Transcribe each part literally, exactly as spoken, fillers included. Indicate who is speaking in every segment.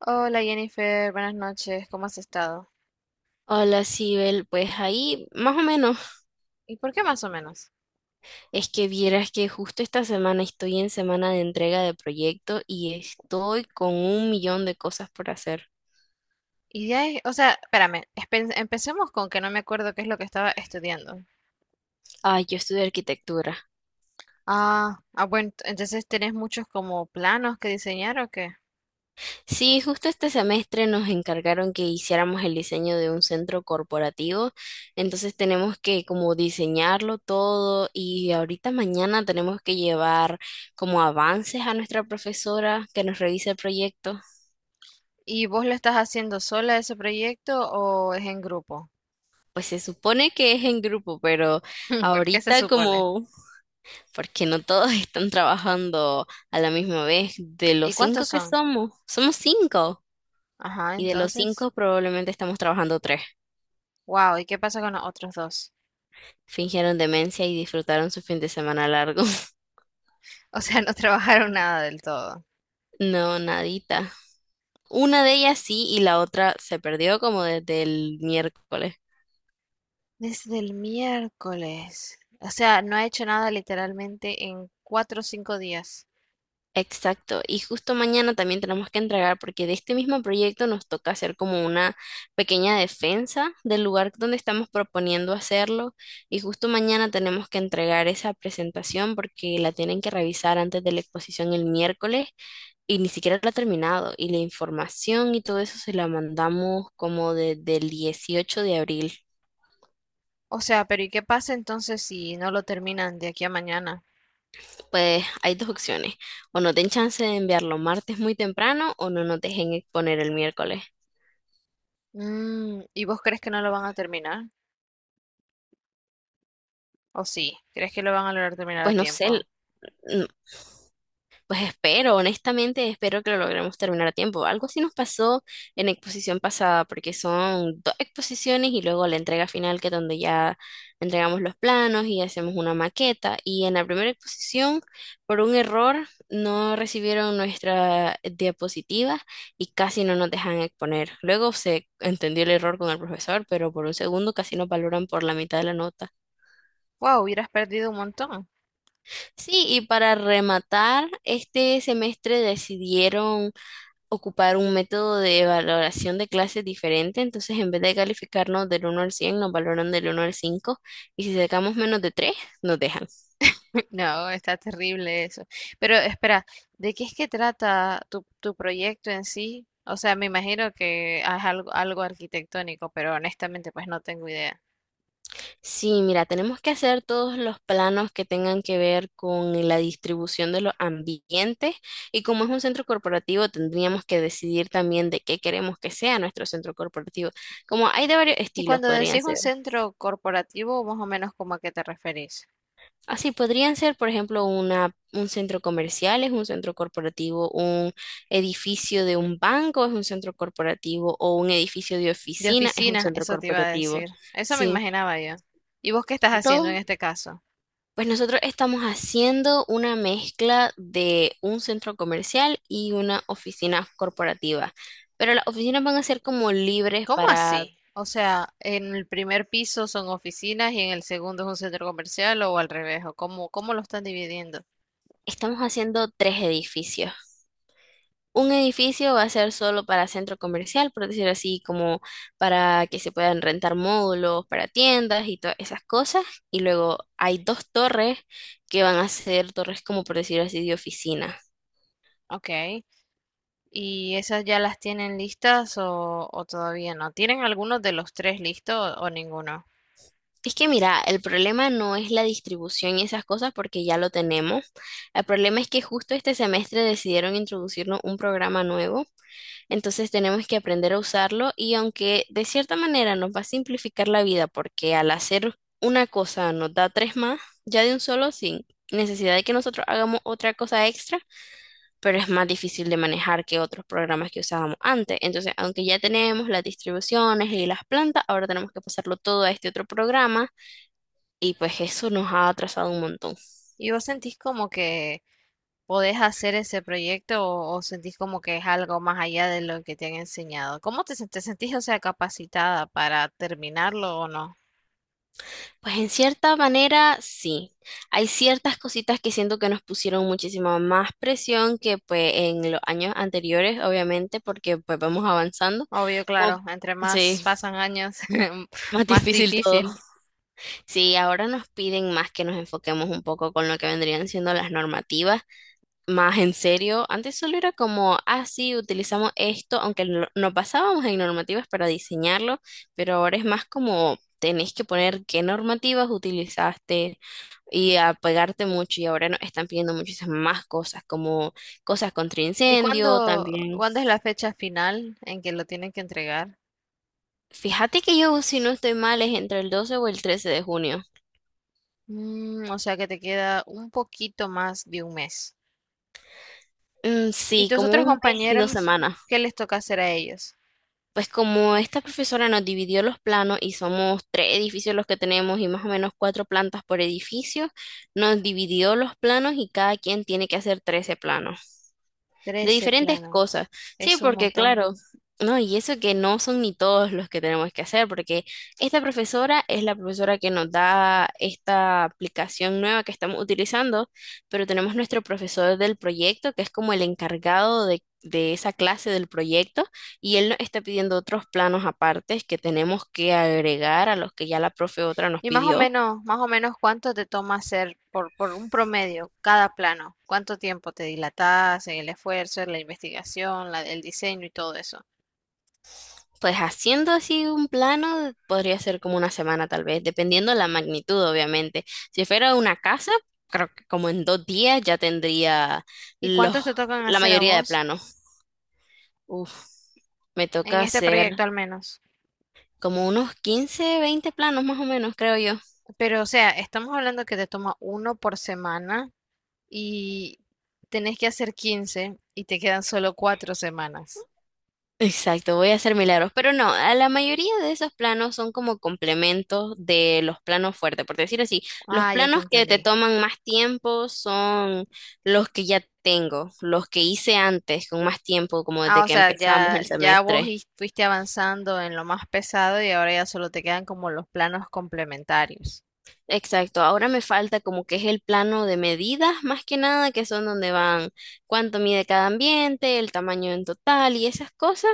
Speaker 1: Hola Jennifer, buenas noches, ¿cómo has estado?
Speaker 2: Hola, Sibel. Pues ahí, más o menos,
Speaker 1: ¿Y por qué más o menos?
Speaker 2: es que vieras que justo esta semana estoy en semana de entrega de proyecto y estoy con un millón de cosas por hacer.
Speaker 1: Ideas, o sea, espérame, espe- empecemos con que no me acuerdo qué es lo que estaba estudiando.
Speaker 2: Ay, yo estudio arquitectura.
Speaker 1: Ah, ah, bueno, ent- entonces tenés muchos como planos que diseñar ¿o qué?
Speaker 2: Sí, justo este semestre nos encargaron que hiciéramos el diseño de un centro corporativo, entonces tenemos que como diseñarlo todo y ahorita mañana tenemos que llevar como avances a nuestra profesora que nos revise el proyecto.
Speaker 1: ¿Y vos lo estás haciendo sola ese proyecto o es en grupo?
Speaker 2: Pues se supone que es en grupo, pero
Speaker 1: ¿Por qué se
Speaker 2: ahorita
Speaker 1: supone?
Speaker 2: como, porque no todos están trabajando a la misma vez, de
Speaker 1: ¿Y
Speaker 2: los
Speaker 1: cuántos
Speaker 2: cinco que
Speaker 1: son?
Speaker 2: somos, somos cinco,
Speaker 1: Ajá,
Speaker 2: y de los
Speaker 1: entonces,
Speaker 2: cinco probablemente estamos trabajando tres.
Speaker 1: wow, ¿y qué pasa con los otros dos?
Speaker 2: Fingieron demencia y disfrutaron su fin de semana largo.
Speaker 1: O sea, no trabajaron nada del todo.
Speaker 2: No, nadita. Una de ellas sí y la otra se perdió como desde el miércoles.
Speaker 1: Desde el miércoles. O sea, no ha hecho nada literalmente en cuatro o cinco días.
Speaker 2: Exacto, y justo mañana también tenemos que entregar, porque de este mismo proyecto nos toca hacer como una pequeña defensa del lugar donde estamos proponiendo hacerlo, y justo mañana tenemos que entregar esa presentación porque la tienen que revisar antes de la exposición el miércoles y ni siquiera la ha terminado, y la información y todo eso se la mandamos como desde el dieciocho de abril.
Speaker 1: O sea, pero ¿y qué pasa entonces si no lo terminan de aquí a mañana?
Speaker 2: Pues hay dos opciones, o no den chance de enviarlo martes muy temprano o no nos dejen exponer el miércoles.
Speaker 1: Mm, ¿y vos crees que no lo van a terminar? ¿O sí? ¿Crees que lo van a lograr terminar a
Speaker 2: Pues no sé,
Speaker 1: tiempo?
Speaker 2: pues espero, honestamente, espero que lo logremos terminar a tiempo. Algo así nos pasó en la exposición pasada, porque son dos exposiciones y luego la entrega final, que es donde ya entregamos los planos y hacemos una maqueta. Y en la primera exposición, por un error, no recibieron nuestra diapositiva y casi no nos dejan exponer. Luego se entendió el error con el profesor, pero por un segundo casi nos valoran por la mitad de la nota.
Speaker 1: Wow, hubieras perdido un montón.
Speaker 2: Sí, y para rematar, este semestre decidieron ocupar un método de valoración de clases diferente, entonces en vez de calificarnos del uno al cien nos valoran del uno al cinco y si sacamos menos de tres nos dejan.
Speaker 1: No, está terrible eso. Pero espera, ¿de qué es que trata tu, tu proyecto en sí? O sea, me imagino que es algo, algo arquitectónico, pero honestamente pues no tengo idea.
Speaker 2: Sí, mira, tenemos que hacer todos los planos que tengan que ver con la distribución de los ambientes y como es un centro corporativo, tendríamos que decidir también de qué queremos que sea nuestro centro corporativo. Como hay de varios
Speaker 1: Y
Speaker 2: estilos,
Speaker 1: cuando
Speaker 2: podrían
Speaker 1: decís un
Speaker 2: ser.
Speaker 1: centro corporativo, más o menos como a qué te referís.
Speaker 2: Así podrían ser, por ejemplo, una, un centro comercial, es un centro corporativo, un edificio de un banco es un centro corporativo o un edificio de
Speaker 1: De
Speaker 2: oficina es un
Speaker 1: oficina,
Speaker 2: centro
Speaker 1: eso te iba a
Speaker 2: corporativo.
Speaker 1: decir. Eso me
Speaker 2: Sí,
Speaker 1: imaginaba yo. ¿Y vos qué estás
Speaker 2: todo.
Speaker 1: haciendo en este caso?
Speaker 2: Pues nosotros estamos haciendo una mezcla de un centro comercial y una oficina corporativa, pero las oficinas van a ser como libres
Speaker 1: ¿Cómo
Speaker 2: para,
Speaker 1: así? O sea, ¿en el primer piso son oficinas y en el segundo es un centro comercial o al revés, o cómo, cómo lo están dividiendo?
Speaker 2: estamos haciendo tres edificios. Un edificio va a ser solo para centro comercial, por decirlo así, como para que se puedan rentar módulos para tiendas y todas esas cosas. Y luego hay dos torres que van a ser torres como por decirlo así de oficina.
Speaker 1: Ok. ¿Y esas ya las tienen listas o, o todavía no? ¿Tienen algunos de los tres listos o ninguno?
Speaker 2: Es que mira, el problema no es la distribución y esas cosas porque ya lo tenemos. El problema es que justo este semestre decidieron introducirnos un programa nuevo. Entonces tenemos que aprender a usarlo y aunque de cierta manera nos va a simplificar la vida porque al hacer una cosa nos da tres más, ya de un solo sin necesidad de que nosotros hagamos otra cosa extra, pero es más difícil de manejar que otros programas que usábamos antes. Entonces, aunque ya tenemos las distribuciones y las plantas, ahora tenemos que pasarlo todo a este otro programa y pues eso nos ha atrasado un montón.
Speaker 1: ¿Y vos sentís como que podés hacer ese proyecto o, o sentís como que es algo más allá de lo que te han enseñado? ¿Cómo te, sen- te sentís, o sea, capacitada para terminarlo o no?
Speaker 2: Pues en cierta manera, sí. Hay ciertas cositas que siento que nos pusieron muchísima más presión que pues en los años anteriores, obviamente, porque pues vamos avanzando.
Speaker 1: Obvio,
Speaker 2: Como-
Speaker 1: claro, entre más
Speaker 2: sí,
Speaker 1: pasan años,
Speaker 2: más
Speaker 1: más
Speaker 2: difícil todo.
Speaker 1: difícil.
Speaker 2: Sí, ahora nos piden más que nos enfoquemos un poco con lo que vendrían siendo las normativas más en serio. Antes solo era como, ah, sí, utilizamos esto, aunque no, no pasábamos en normativas para diseñarlo, pero ahora es más como tenés que poner qué normativas utilizaste y apegarte mucho. Y ahora nos están pidiendo muchísimas más cosas, como cosas contra
Speaker 1: ¿Y
Speaker 2: incendio
Speaker 1: cuándo,
Speaker 2: también.
Speaker 1: cuándo es la fecha final en que lo tienen que entregar?
Speaker 2: Fíjate que yo, si no estoy mal, es entre el doce o el trece de junio.
Speaker 1: Mm, o sea que te queda un poquito más de un mes.
Speaker 2: Mm,
Speaker 1: ¿Y
Speaker 2: sí,
Speaker 1: tus
Speaker 2: como
Speaker 1: otros
Speaker 2: un mes y dos
Speaker 1: compañeros,
Speaker 2: semanas.
Speaker 1: qué les toca hacer a ellos?
Speaker 2: Pues como esta profesora nos dividió los planos y somos tres edificios los que tenemos y más o menos cuatro plantas por edificio, nos dividió los planos y cada quien tiene que hacer trece planos de
Speaker 1: Trece
Speaker 2: diferentes
Speaker 1: planos.
Speaker 2: cosas. Sí,
Speaker 1: Es un
Speaker 2: porque
Speaker 1: montón.
Speaker 2: claro, no, y eso que no son ni todos los que tenemos que hacer, porque esta profesora es la profesora que nos da esta aplicación nueva que estamos utilizando, pero tenemos nuestro profesor del proyecto, que es como el encargado de, de esa clase del proyecto, y él nos está pidiendo otros planos apartes que tenemos que agregar a los que ya la profe otra nos
Speaker 1: Y más o
Speaker 2: pidió.
Speaker 1: menos, más o menos cuánto te toma hacer por, por un promedio cada plano, cuánto tiempo te dilatas en el esfuerzo, en la investigación, la, el diseño y todo eso.
Speaker 2: Pues haciendo así un plano podría ser como una semana tal vez, dependiendo de la magnitud, obviamente. Si fuera una casa, creo que como en dos días ya tendría
Speaker 1: ¿Y
Speaker 2: los,
Speaker 1: cuántos te tocan
Speaker 2: la
Speaker 1: hacer a
Speaker 2: mayoría de
Speaker 1: vos
Speaker 2: planos. Uf, me
Speaker 1: en
Speaker 2: toca
Speaker 1: este
Speaker 2: hacer
Speaker 1: proyecto al menos?
Speaker 2: como unos quince, veinte planos más o menos, creo yo.
Speaker 1: Pero o sea, estamos hablando que te toma uno por semana y tenés que hacer quince y te quedan solo cuatro semanas.
Speaker 2: Exacto, voy a hacer milagros, pero no, a la mayoría de esos planos son como complementos de los planos fuertes, por decir así, los
Speaker 1: Ah, ya te
Speaker 2: planos que te
Speaker 1: entendí.
Speaker 2: toman más tiempo son los que ya tengo, los que hice antes con más tiempo, como
Speaker 1: Ah,
Speaker 2: desde
Speaker 1: o
Speaker 2: que
Speaker 1: sea,
Speaker 2: empezamos
Speaker 1: ya,
Speaker 2: el
Speaker 1: ya vos
Speaker 2: semestre.
Speaker 1: is- fuiste avanzando en lo más pesado y ahora ya solo te quedan como los planos complementarios.
Speaker 2: Exacto, ahora me falta como que es el plano de medidas, más que nada, que son donde van cuánto mide cada ambiente, el tamaño en total y esas cosas.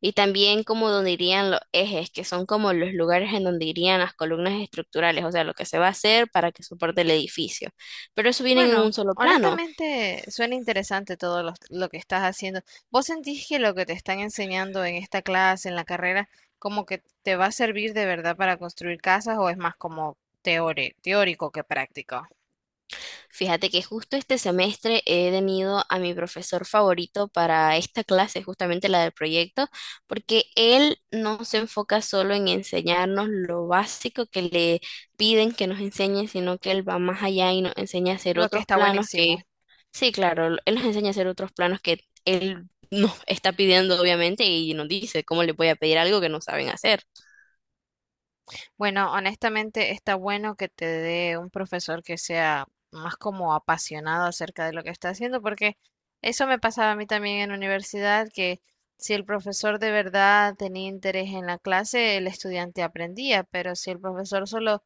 Speaker 2: Y también como donde irían los ejes, que son como los lugares en donde irían las columnas estructurales, o sea, lo que se va a hacer para que soporte el edificio. Pero eso viene en un
Speaker 1: Bueno,
Speaker 2: solo plano.
Speaker 1: honestamente suena interesante todo lo, lo que estás haciendo. ¿Vos sentís que lo que te están enseñando en esta clase, en la carrera, como que te va a servir de verdad para construir casas o es más como teore- teórico que práctico?
Speaker 2: Fíjate que justo este semestre he tenido a mi profesor favorito para esta clase, justamente la del proyecto, porque él no se enfoca solo en enseñarnos lo básico que le piden que nos enseñe, sino que él va más allá y nos enseña a hacer
Speaker 1: Lo que
Speaker 2: otros
Speaker 1: está
Speaker 2: planos que
Speaker 1: buenísimo.
Speaker 2: sí, claro, él nos enseña a hacer otros planos que él nos está pidiendo, obviamente, y nos dice cómo le voy a pedir algo que no saben hacer.
Speaker 1: Bueno, honestamente está bueno que te dé un profesor que sea más como apasionado acerca de lo que está haciendo, porque eso me pasaba a mí también en la universidad, que si el profesor de verdad tenía interés en la clase, el estudiante aprendía, pero si el profesor solo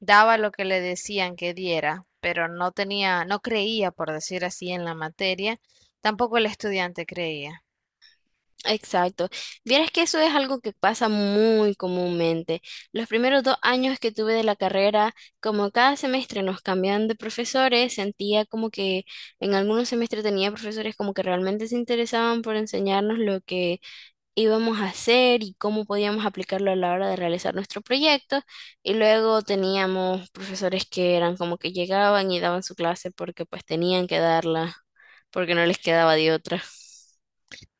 Speaker 1: daba lo que le decían que diera, pero no tenía, no creía, por decir así, en la materia, tampoco el estudiante creía.
Speaker 2: Exacto. Vieras que eso es algo que pasa muy comúnmente. Los primeros dos años que tuve de la carrera, como cada semestre nos cambian de profesores, sentía como que en algunos semestres tenía profesores como que realmente se interesaban por enseñarnos lo que íbamos a hacer y cómo podíamos aplicarlo a la hora de realizar nuestro proyecto. Y luego teníamos profesores que eran como que llegaban y daban su clase porque pues tenían que darla, porque no les quedaba de otra.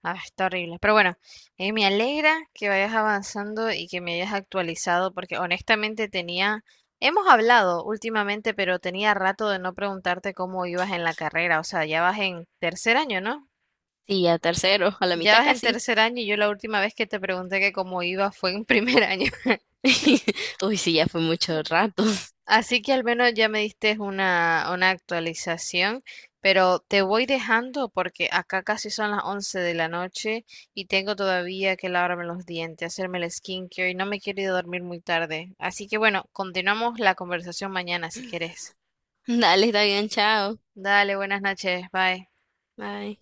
Speaker 1: Ah, está horrible. Pero bueno, eh, me alegra que vayas avanzando y que me hayas actualizado, porque honestamente tenía, hemos hablado últimamente, pero tenía rato de no preguntarte cómo ibas en la carrera. O sea, ya vas en tercer año, ¿no?
Speaker 2: Sí, a tercero, a la
Speaker 1: Ya
Speaker 2: mitad
Speaker 1: vas en
Speaker 2: casi.
Speaker 1: tercer año y yo la última vez que te pregunté que cómo iba fue en primer año.
Speaker 2: Uy, sí, ya fue mucho rato.
Speaker 1: Así que al menos ya me diste una, una actualización, pero te voy dejando porque acá casi son las once de la noche y tengo todavía que lavarme los dientes, hacerme el skincare y no me quiero ir a dormir muy tarde. Así que bueno, continuamos la conversación mañana si quieres.
Speaker 2: Dale, está bien, chao.
Speaker 1: Dale, buenas noches, bye.
Speaker 2: Bye.